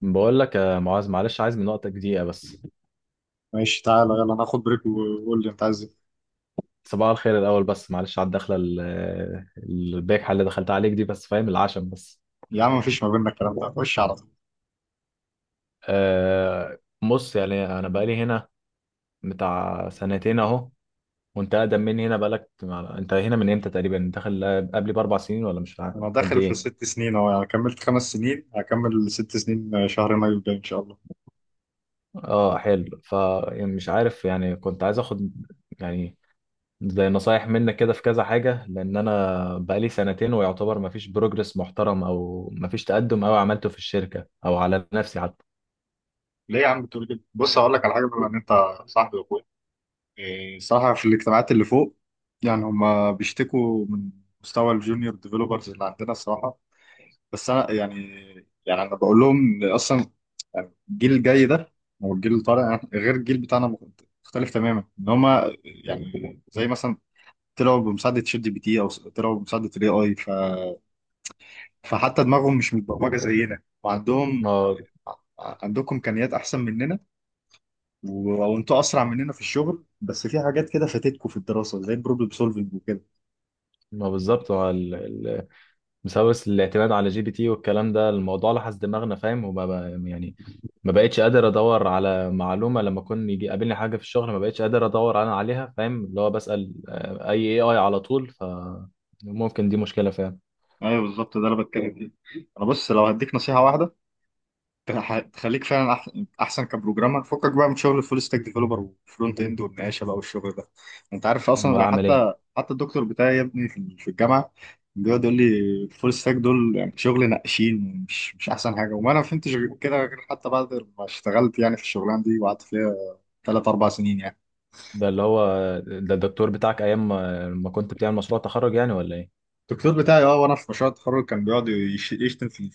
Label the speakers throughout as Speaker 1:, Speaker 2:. Speaker 1: بقول لك يا معاذ، معلش، عايز من وقتك دقيقة بس.
Speaker 2: ماشي، تعالى يلا، انا هاخد بريك وقول لي انت عايز ايه؟
Speaker 1: صباح الخير الأول، بس معلش على الدخلة الباجحة اللي دخلت عليك دي، بس فاهم العشم بس.
Speaker 2: يا عم، مفيش ما بيننا الكلام ده، خش على طول.
Speaker 1: أه. بص، يعني أنا بقالي هنا بتاع سنتين أهو، وأنت أقدم مني هنا بقالك. أنت هنا من إمتى تقريبا؟ داخل قبلي ب4 سنين ولا مش عارف
Speaker 2: انا
Speaker 1: قد
Speaker 2: داخل في
Speaker 1: إيه؟
Speaker 2: ست سنين اهو، يعني كملت خمس سنين هكمل ست سنين، شهر مايو الجاي ان شاء الله.
Speaker 1: أه، حلو. فمش عارف، يعني كنت عايز أخد يعني زي نصايح منك كده في كذا حاجة، لأن أنا بقالي سنتين ويعتبر مفيش بروجرس محترم أو مفيش تقدم أوي عملته في الشركة أو على نفسي حتى.
Speaker 2: ليه يا عم بتقول كده؟ بص، هقول لك على حاجه، بما ان انت صاحبي واخويا. الصراحه في الاجتماعات اللي فوق، يعني هما بيشتكوا من مستوى الجونيور ديفلوبرز اللي عندنا الصراحه. بس انا يعني، انا بقول لهم إن اصلا، يعني الجيل الجاي ده والجيل اللي طالع يعني غير الجيل بتاعنا، مختلف تماما، ان هما يعني زي مثلا طلعوا بمساعدة شات جي بي تي، أو طلعوا بمساعدة ال AI، فحتى دماغهم مش متبرمجة زينا، وعندهم
Speaker 1: ما
Speaker 2: ع- عندكم إمكانيات أحسن مننا، و... وأنتوا أسرع مننا في الشغل، بس في حاجات كده فاتتكم في الدراسة زي البروبلم سولفنج وكده.
Speaker 1: ما بالظبط هو بسبب الاعتماد على جي بي تي والكلام ده الموضوع لحس دماغنا، فاهم؟ يعني ما بقتش قادر ادور على معلومه لما كنت يجي يقابلني حاجه في الشغل، ما بقتش قادر ادور انا عليها، فاهم؟ اللي هو بسال اي اي اي على طول، فممكن دي مشكله، فاهم.
Speaker 2: أيوه، بالظبط ده اللي بتكلم فيه. أنا، بص، لو هديك نصيحة واحدة تخليك فعلا احسن كبروجرامر، فكك بقى من شغل الفول ستاك ديفلوبر والفرونت اند والنقاشه بقى والشغل ده. انت عارف اصلا،
Speaker 1: امال
Speaker 2: أنا
Speaker 1: اعمل ايه؟
Speaker 2: حتى الدكتور بتاعي يا ابني في الجامعه بيقعد يقول لي الفول ستاك دول يعني شغل نقاشين، مش احسن حاجه، وما انا فهمتش غير كده غير حتى بعد ما اشتغلت يعني في الشغلانه دي، وقعدت فيها ثلاث اربع سنين يعني.
Speaker 1: ده اللي هو ده الدكتور بتاعك ايام ما كنت بتعمل مشروع تخرج يعني، ولا ايه؟
Speaker 2: الدكتور بتاعي، وانا في مشروع التخرج كان بيقعد يشتم في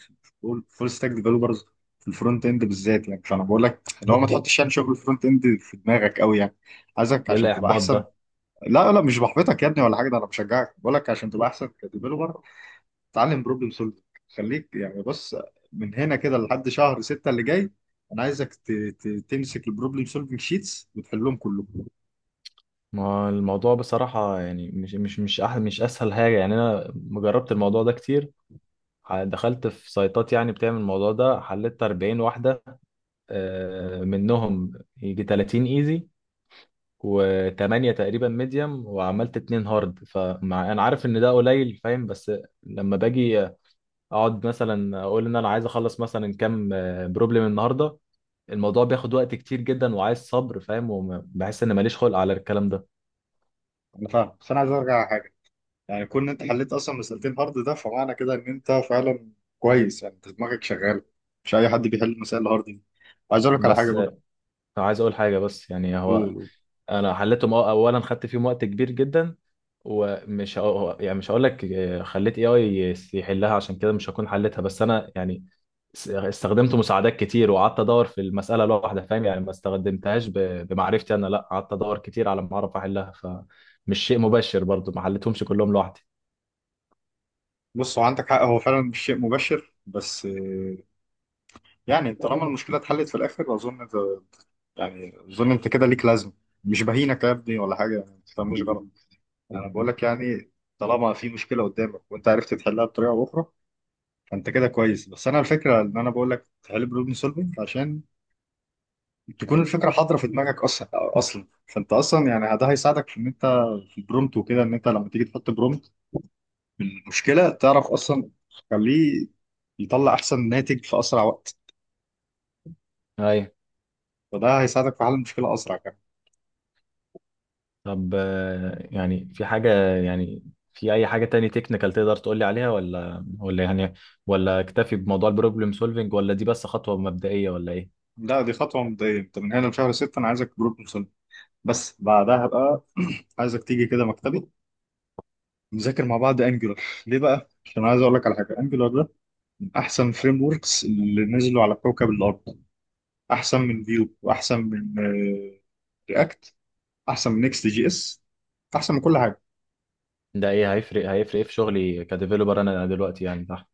Speaker 2: الفول ستاك ديفلوبرز، في الفرونت اند بالذات يعني، فانا بقول لك اللي هو ما تحطش يعني شغل الفرونت اند في دماغك قوي يعني، عايزك
Speaker 1: ده
Speaker 2: عشان تبقى
Speaker 1: الاحباط
Speaker 2: احسن.
Speaker 1: ده؟
Speaker 2: لا، لا، مش بحبطك يا ابني ولا حاجه، ده انا بشجعك بقول لك عشان تبقى احسن كديفلوبر. اتعلم بروبلم سولفنج، خليك يعني، بص، من هنا كده لحد شهر 6 اللي جاي، انا عايزك تمسك البروبلم سولفنج شيتس وتحلهم كلهم.
Speaker 1: ما هو الموضوع بصراحة يعني مش اسهل حاجة يعني. انا جربت الموضوع ده كتير. دخلت في سايتات يعني بتعمل الموضوع ده، حللت 40 واحدة، منهم يجي 30 ايزي و8 تقريبا ميديوم، وعملت اتنين هارد. فمع انا عارف ان ده قليل، فاهم، بس لما باجي اقعد مثلا اقول ان انا عايز اخلص مثلا كام بروبلم النهارده، الموضوع بياخد وقت كتير جدا وعايز صبر، فاهم؟ وبحس ان ماليش خلق على الكلام ده.
Speaker 2: انا فاهم، بس انا عايز ارجع، يعني كون إن انت حليت اصلا من مسألتين هارد ده، فمعنى كده ان انت فعلا كويس، يعني انت دماغك شغال، مش اي حد بيحل مسائل الهارد دي. عايز اقول لك على حاجه
Speaker 1: بس
Speaker 2: برضه.
Speaker 1: عايز اقول حاجه، بس يعني هو
Speaker 2: قول، قول.
Speaker 1: انا حليتهم، اولا خدت فيهم وقت كبير جدا، ومش هق- يعني مش هقول لك خليت اي يحلها عشان كده مش هكون حلتها، بس انا يعني استخدمت مساعدات كتير وقعدت ادور في المساله لوحدها، فاهم؟ يعني ما استخدمتهاش بمعرفتي انا، لا، قعدت ادور كتير على ما اعرف احلها، فمش شيء مباشر، برضو ما حلتهمش كلهم لوحدي.
Speaker 2: بص، هو عندك حق، هو فعلا مش شيء مبشر، بس يعني طالما المشكله اتحلت في الاخر، اظن انت كده ليك لازمه. مش بهينك يا ابني ولا حاجه، يعني ما تفهمنيش غلط. انا بقول لك يعني، طالما في مشكله قدامك وانت عرفت تحلها بطريقه او اخرى، فانت كده كويس. بس انا الفكره ان انا بقول لك تحل بروبلم سولفنج عشان تكون الفكره حاضره في دماغك اصلا، اصلا فانت اصلا يعني، ده هيساعدك في ان انت في البرومت وكده، ان انت لما تيجي تحط برومت المشكله، تعرف اصلا تخليه يطلع احسن ناتج في اسرع وقت.
Speaker 1: ايوه.
Speaker 2: فده هيساعدك في حل المشكله اسرع كمان.
Speaker 1: طب يعني في حاجة، يعني في أي حاجة تاني تكنيكال تقدر تقولي عليها، ولا يعني ولا أكتفي بموضوع البروبلم سولفينج، ولا دي بس خطوة مبدئية، ولا إيه؟
Speaker 2: لا، دي خطوه مبدئيه، انت من هنا لشهر 6 انا عايزك برومت مسلم، بس بعدها بقى عايزك تيجي كده مكتبي، نذاكر مع بعض انجولار. ليه بقى؟ عشان عايز اقول لك على حاجه، انجولار ده من احسن فريم وركس اللي نزلوا على كوكب الارض، احسن من فيو، واحسن من رياكت، احسن من نيكست جي اس، احسن من كل حاجه.
Speaker 1: ده إيه هيفرق؟ إيه في شغلي كديفيلوبر أنا دلوقتي يعني تحت؟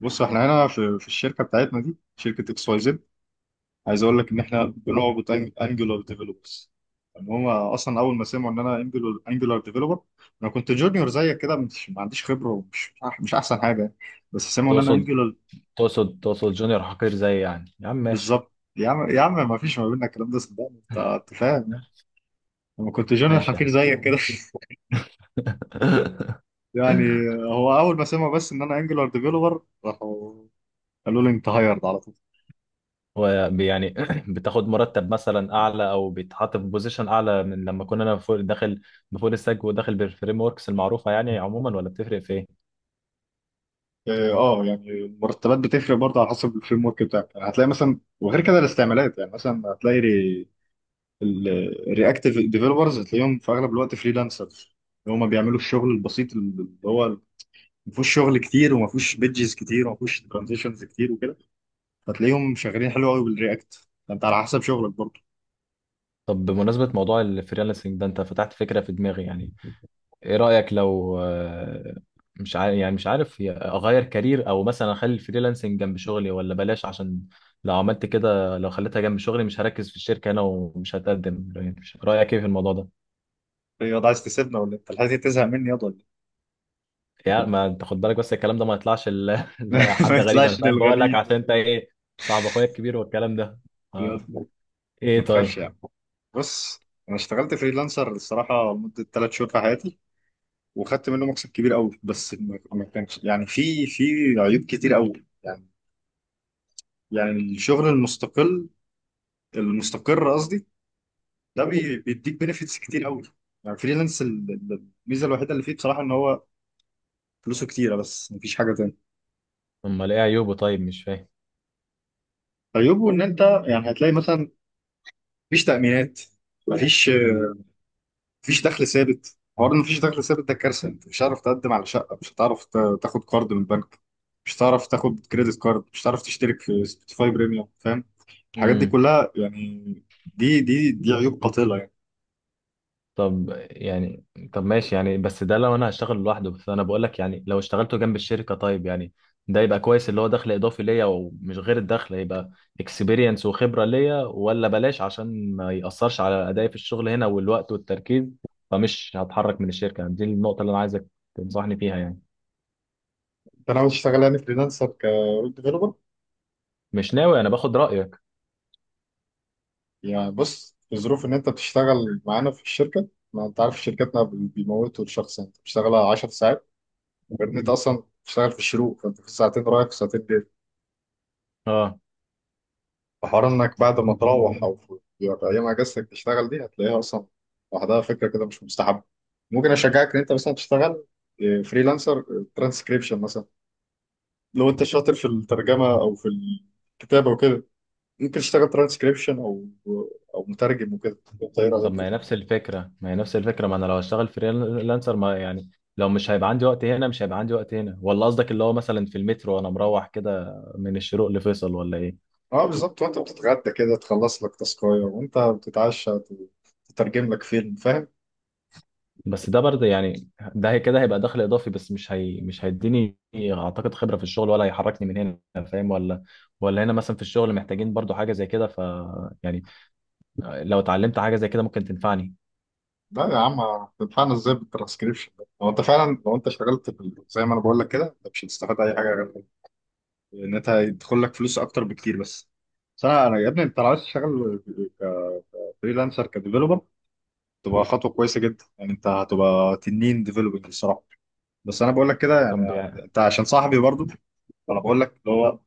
Speaker 2: بص، احنا هنا في الشركه بتاعتنا دي شركه اكس واي زد، عايز اقول لك ان احنا بنعبط انجولار ديفلوبرز، ان هم اصلا اول ما سمعوا ان انا انجولار ديفلوبر، انا كنت جونيور زيك كده، مش ما عنديش خبره، ومش مش احسن حاجه يعني. بس سمعوا ان انا
Speaker 1: تقصد
Speaker 2: انجولار.
Speaker 1: تقصد جونيور حقير زي يعني؟ يا عم، ماشي.
Speaker 2: بالظبط يا عم، يا عم، ما فيش ما بيننا الكلام ده صدقني، انت فاهم يعني. لما كنت جونيور
Speaker 1: ماشي يا
Speaker 2: حفير
Speaker 1: عم.
Speaker 2: زيك كده. يعني هو اول ما سمعوا بس ان انا انجولار ديفلوبر، راحوا قالوا لي انت هايرد على طول.
Speaker 1: ويعني بتاخد مرتب مثلا أعلى أو بيتحط في بوزيشن أعلى من لما كنا أنا داخل بفول ستاك وداخل بالفريم وركس المعروفة يعني عموما، ولا بتفرق في إيه؟
Speaker 2: اه، يعني المرتبات بتفرق برضه على حسب الفريم ورك بتاعك يعني، هتلاقي مثلا، وغير كده الاستعمالات يعني، مثلا هتلاقي الرياكتيف ديفلوبرز هتلاقيهم في اغلب الوقت فريلانسرز، اللي هم بيعملوا الشغل البسيط اللي هو ما فيهوش شغل كتير، وما فيهوش بيدجز كتير، وما فيهوش ترانزيشنز كتير وكده، فتلاقيهم شغالين حلو قوي بالرياكت، فانت على حسب شغلك برضه.
Speaker 1: طب بمناسبة موضوع الفريلانسنج ده، انت فتحت فكرة في دماغي يعني. ايه رأيك لو مش عارف يعني، مش عارف، اغير كارير او مثلا اخلي الفريلانسنج جنب شغلي، ولا بلاش عشان لو عملت كده، لو خليتها جنب شغلي مش هركز في الشركة انا ومش هتقدم، يعني رأيك ايه في الموضوع ده؟
Speaker 2: يا ده، عايز تسيبنا ولا إيه؟ انت لحد تزهق مني يا ده؟
Speaker 1: يعني ما انت خد بالك بس، الكلام ده ما يطلعش
Speaker 2: ما
Speaker 1: لحد غريب. انا
Speaker 2: يطلعش
Speaker 1: فاهم، بقول لك
Speaker 2: للغليل
Speaker 1: عشان انت ايه، صاحب اخويا الكبير والكلام ده.
Speaker 2: ده.
Speaker 1: آه.
Speaker 2: ما
Speaker 1: ايه؟
Speaker 2: تخافش
Speaker 1: طيب.
Speaker 2: يعني، بص، انا اشتغلت فريلانسر الصراحه لمده ثلاث شهور في حياتي، وخدت منه مكسب كبير قوي، بس ما كانش يعني، في عيوب كتير قوي يعني، يعني الشغل المستقل، المستقر قصدي، ده بيديك بنفيتس كتير قوي يعني، فريلانس، الميزه الوحيده اللي فيه بصراحه ان هو فلوسه كتيره، بس مفيش حاجه تانية.
Speaker 1: امال ايه عيوبه طيب؟ مش فاهم.
Speaker 2: عيوبه ان انت يعني هتلاقي مثلا، مفيش تامينات، مفيش دخل ثابت، حوار ان مفيش دخل ثابت ده كارثه، انت مش هتعرف تقدم على شقه، مش هتعرف تاخد كارد من البنك، مش هتعرف تاخد كريدت كارد، مش هتعرف تشترك في سبوتيفاي بريميوم، فاهم؟ الحاجات دي
Speaker 1: امم.
Speaker 2: كلها يعني، دي عيوب قاتله يعني.
Speaker 1: طب يعني، طب ماشي يعني، بس ده لو انا هشتغل لوحده، بس انا بقول لك يعني، لو اشتغلته جنب الشركه طيب يعني ده يبقى كويس، اللي هو دخل اضافي ليا، ومش غير الدخل يبقى اكسبيرينس وخبره ليا، ولا بلاش عشان ما ياثرش على ادائي في الشغل هنا والوقت والتركيز. فمش هتحرك من الشركه دي، النقطه اللي انا عايزك تنصحني فيها يعني.
Speaker 2: انت ناوي تشتغل يعني فريلانسر كويب ديفلوبر؟
Speaker 1: مش ناوي، انا باخد رايك.
Speaker 2: يعني بص، في ظروف ان انت بتشتغل معانا في الشركه، ما انت عارف شركتنا بيموتوا الشخص يعني. انت بتشتغل 10 ساعات، غير ان انت اصلا بتشتغل في الشروق، فانت في ساعتين رايح وساعتين جاي.
Speaker 1: اه.
Speaker 2: حوار انك بعد ما تروح، او في ايام اجازتك تشتغل، دي هتلاقيها اصلا لوحدها فكره كده مش مستحبه. ممكن اشجعك ان انت مثلا تشتغل فريلانسر ترانسكريبشن مثلا، لو انت شاطر في الترجمه او في الكتابه وكده، ممكن تشتغل ترانسكريبشن او مترجم وكده. انت ايه
Speaker 1: طب
Speaker 2: رايك؟
Speaker 1: ما هي نفس الفكرة، ما هي نفس الفكرة، ما انا لو هشتغل فريلانسر ما يعني لو مش هيبقى عندي وقت هنا، مش هيبقى عندي وقت هنا، ولا قصدك اللي هو مثلا في المترو وانا مروح كده من الشروق لفيصل، ولا ايه؟
Speaker 2: اه، بالظبط، وانت بتتغدى كده تخلص لك تاسكايه، وانت بتتعشى تترجم لك فيلم، فاهم؟
Speaker 1: بس ده برضه يعني، ده هي كده هيبقى دخل اضافي، بس مش هي مش هيديني اعتقد خبرة في الشغل، ولا هيحركني من هنا فاهم، ولا هنا مثلا في الشغل محتاجين برضه حاجة زي كده، ف يعني لو اتعلمت حاجة زي كده ممكن تنفعني.
Speaker 2: لا يا عم، هتنفعنا ازاي بالترانسكريبشن ده؟ لو انت اشتغلت في زي ما انا بقول لك كده، انت مش هتستفاد اي حاجه غير ان انت هيدخل لك فلوس اكتر بكتير بس. بس انا يا ابني، انت لو عايز تشتغل كفريلانسر كديفيلوبر تبقى خطوه كويسه جدا يعني، انت هتبقى تنين ديفيلوبنج الصراحه. بس انا بقول لك كده يعني،
Speaker 1: طب يعني،
Speaker 2: انت عشان صاحبي برضو، فانا بقول لك اللي هو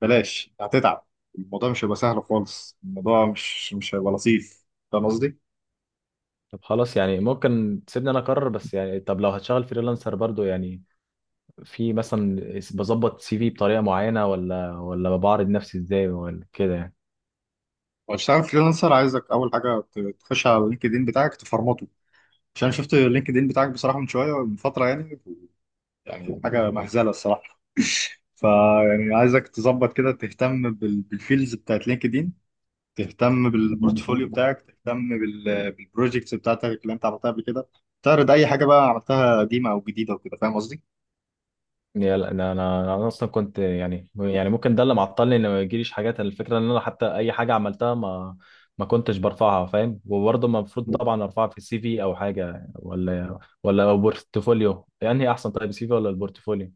Speaker 2: بلاش، انت هتتعب، الموضوع مش هيبقى سهل خالص، الموضوع مش هيبقى لطيف، فاهم قصدي؟
Speaker 1: طب خلاص يعني ممكن تسيبني انا اقرر، بس يعني طب لو هتشتغل فريلانسر برضه يعني في مثلا بظبط سي في بطريقه معينه، ولا بعرض نفسي ازاي، ولا كده يعني؟
Speaker 2: وهتشتغل فريلانسر، عايزك اول حاجه تخش على اللينكد ان بتاعك تفرمطه، عشان أنا شفت اللينكد ان بتاعك بصراحه من شويه، من فتره يعني، يعني حاجه مهزله الصراحه. فيعني عايزك تظبط كده، تهتم بالفيلز بتاعت لينكد ان، تهتم بالبورتفوليو بتاعك، تهتم بالبروجيكتس بتاعتك اللي انت عملتها قبل كده، تعرض اي حاجه بقى عملتها قديمه او جديده وكده، فاهم قصدي؟
Speaker 1: يا لا، انا انا أنا اصلا كنت يعني، ممكن ده اللي معطلني، ان ما يجيليش حاجات، الفكره ان انا حتى اي حاجه عملتها ما كنتش برفعها، فاهم؟ وبرضه ما، المفروض طبعا ارفعها في السي في او حاجه، ولا بورتفوليو. يعني إيه احسن طيب، السي في ولا البورتفوليو؟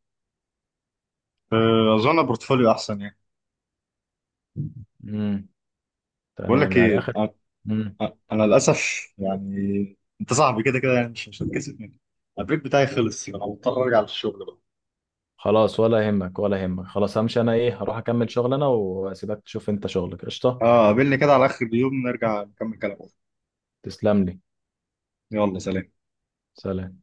Speaker 2: أه، اظن البورتفوليو احسن يعني.
Speaker 1: امم.
Speaker 2: بقول لك
Speaker 1: تمام يعني
Speaker 2: ايه؟
Speaker 1: اخر. امم.
Speaker 2: انا للاسف يعني، انت صاحبي كده كده يعني، مش هتكسف مني، البريك بتاعي خلص، فانا مضطر ارجع للشغل.
Speaker 1: خلاص، ولا يهمك، ولا يهمك، خلاص همشي انا. ايه؟ هروح اكمل شغل انا، واسيبك تشوف انت شغلك
Speaker 2: اه،
Speaker 1: قشطه.
Speaker 2: قابلني كده على اخر اليوم نرجع نكمل كلام.
Speaker 1: تسلم لي.
Speaker 2: يلا سلام.
Speaker 1: سلام.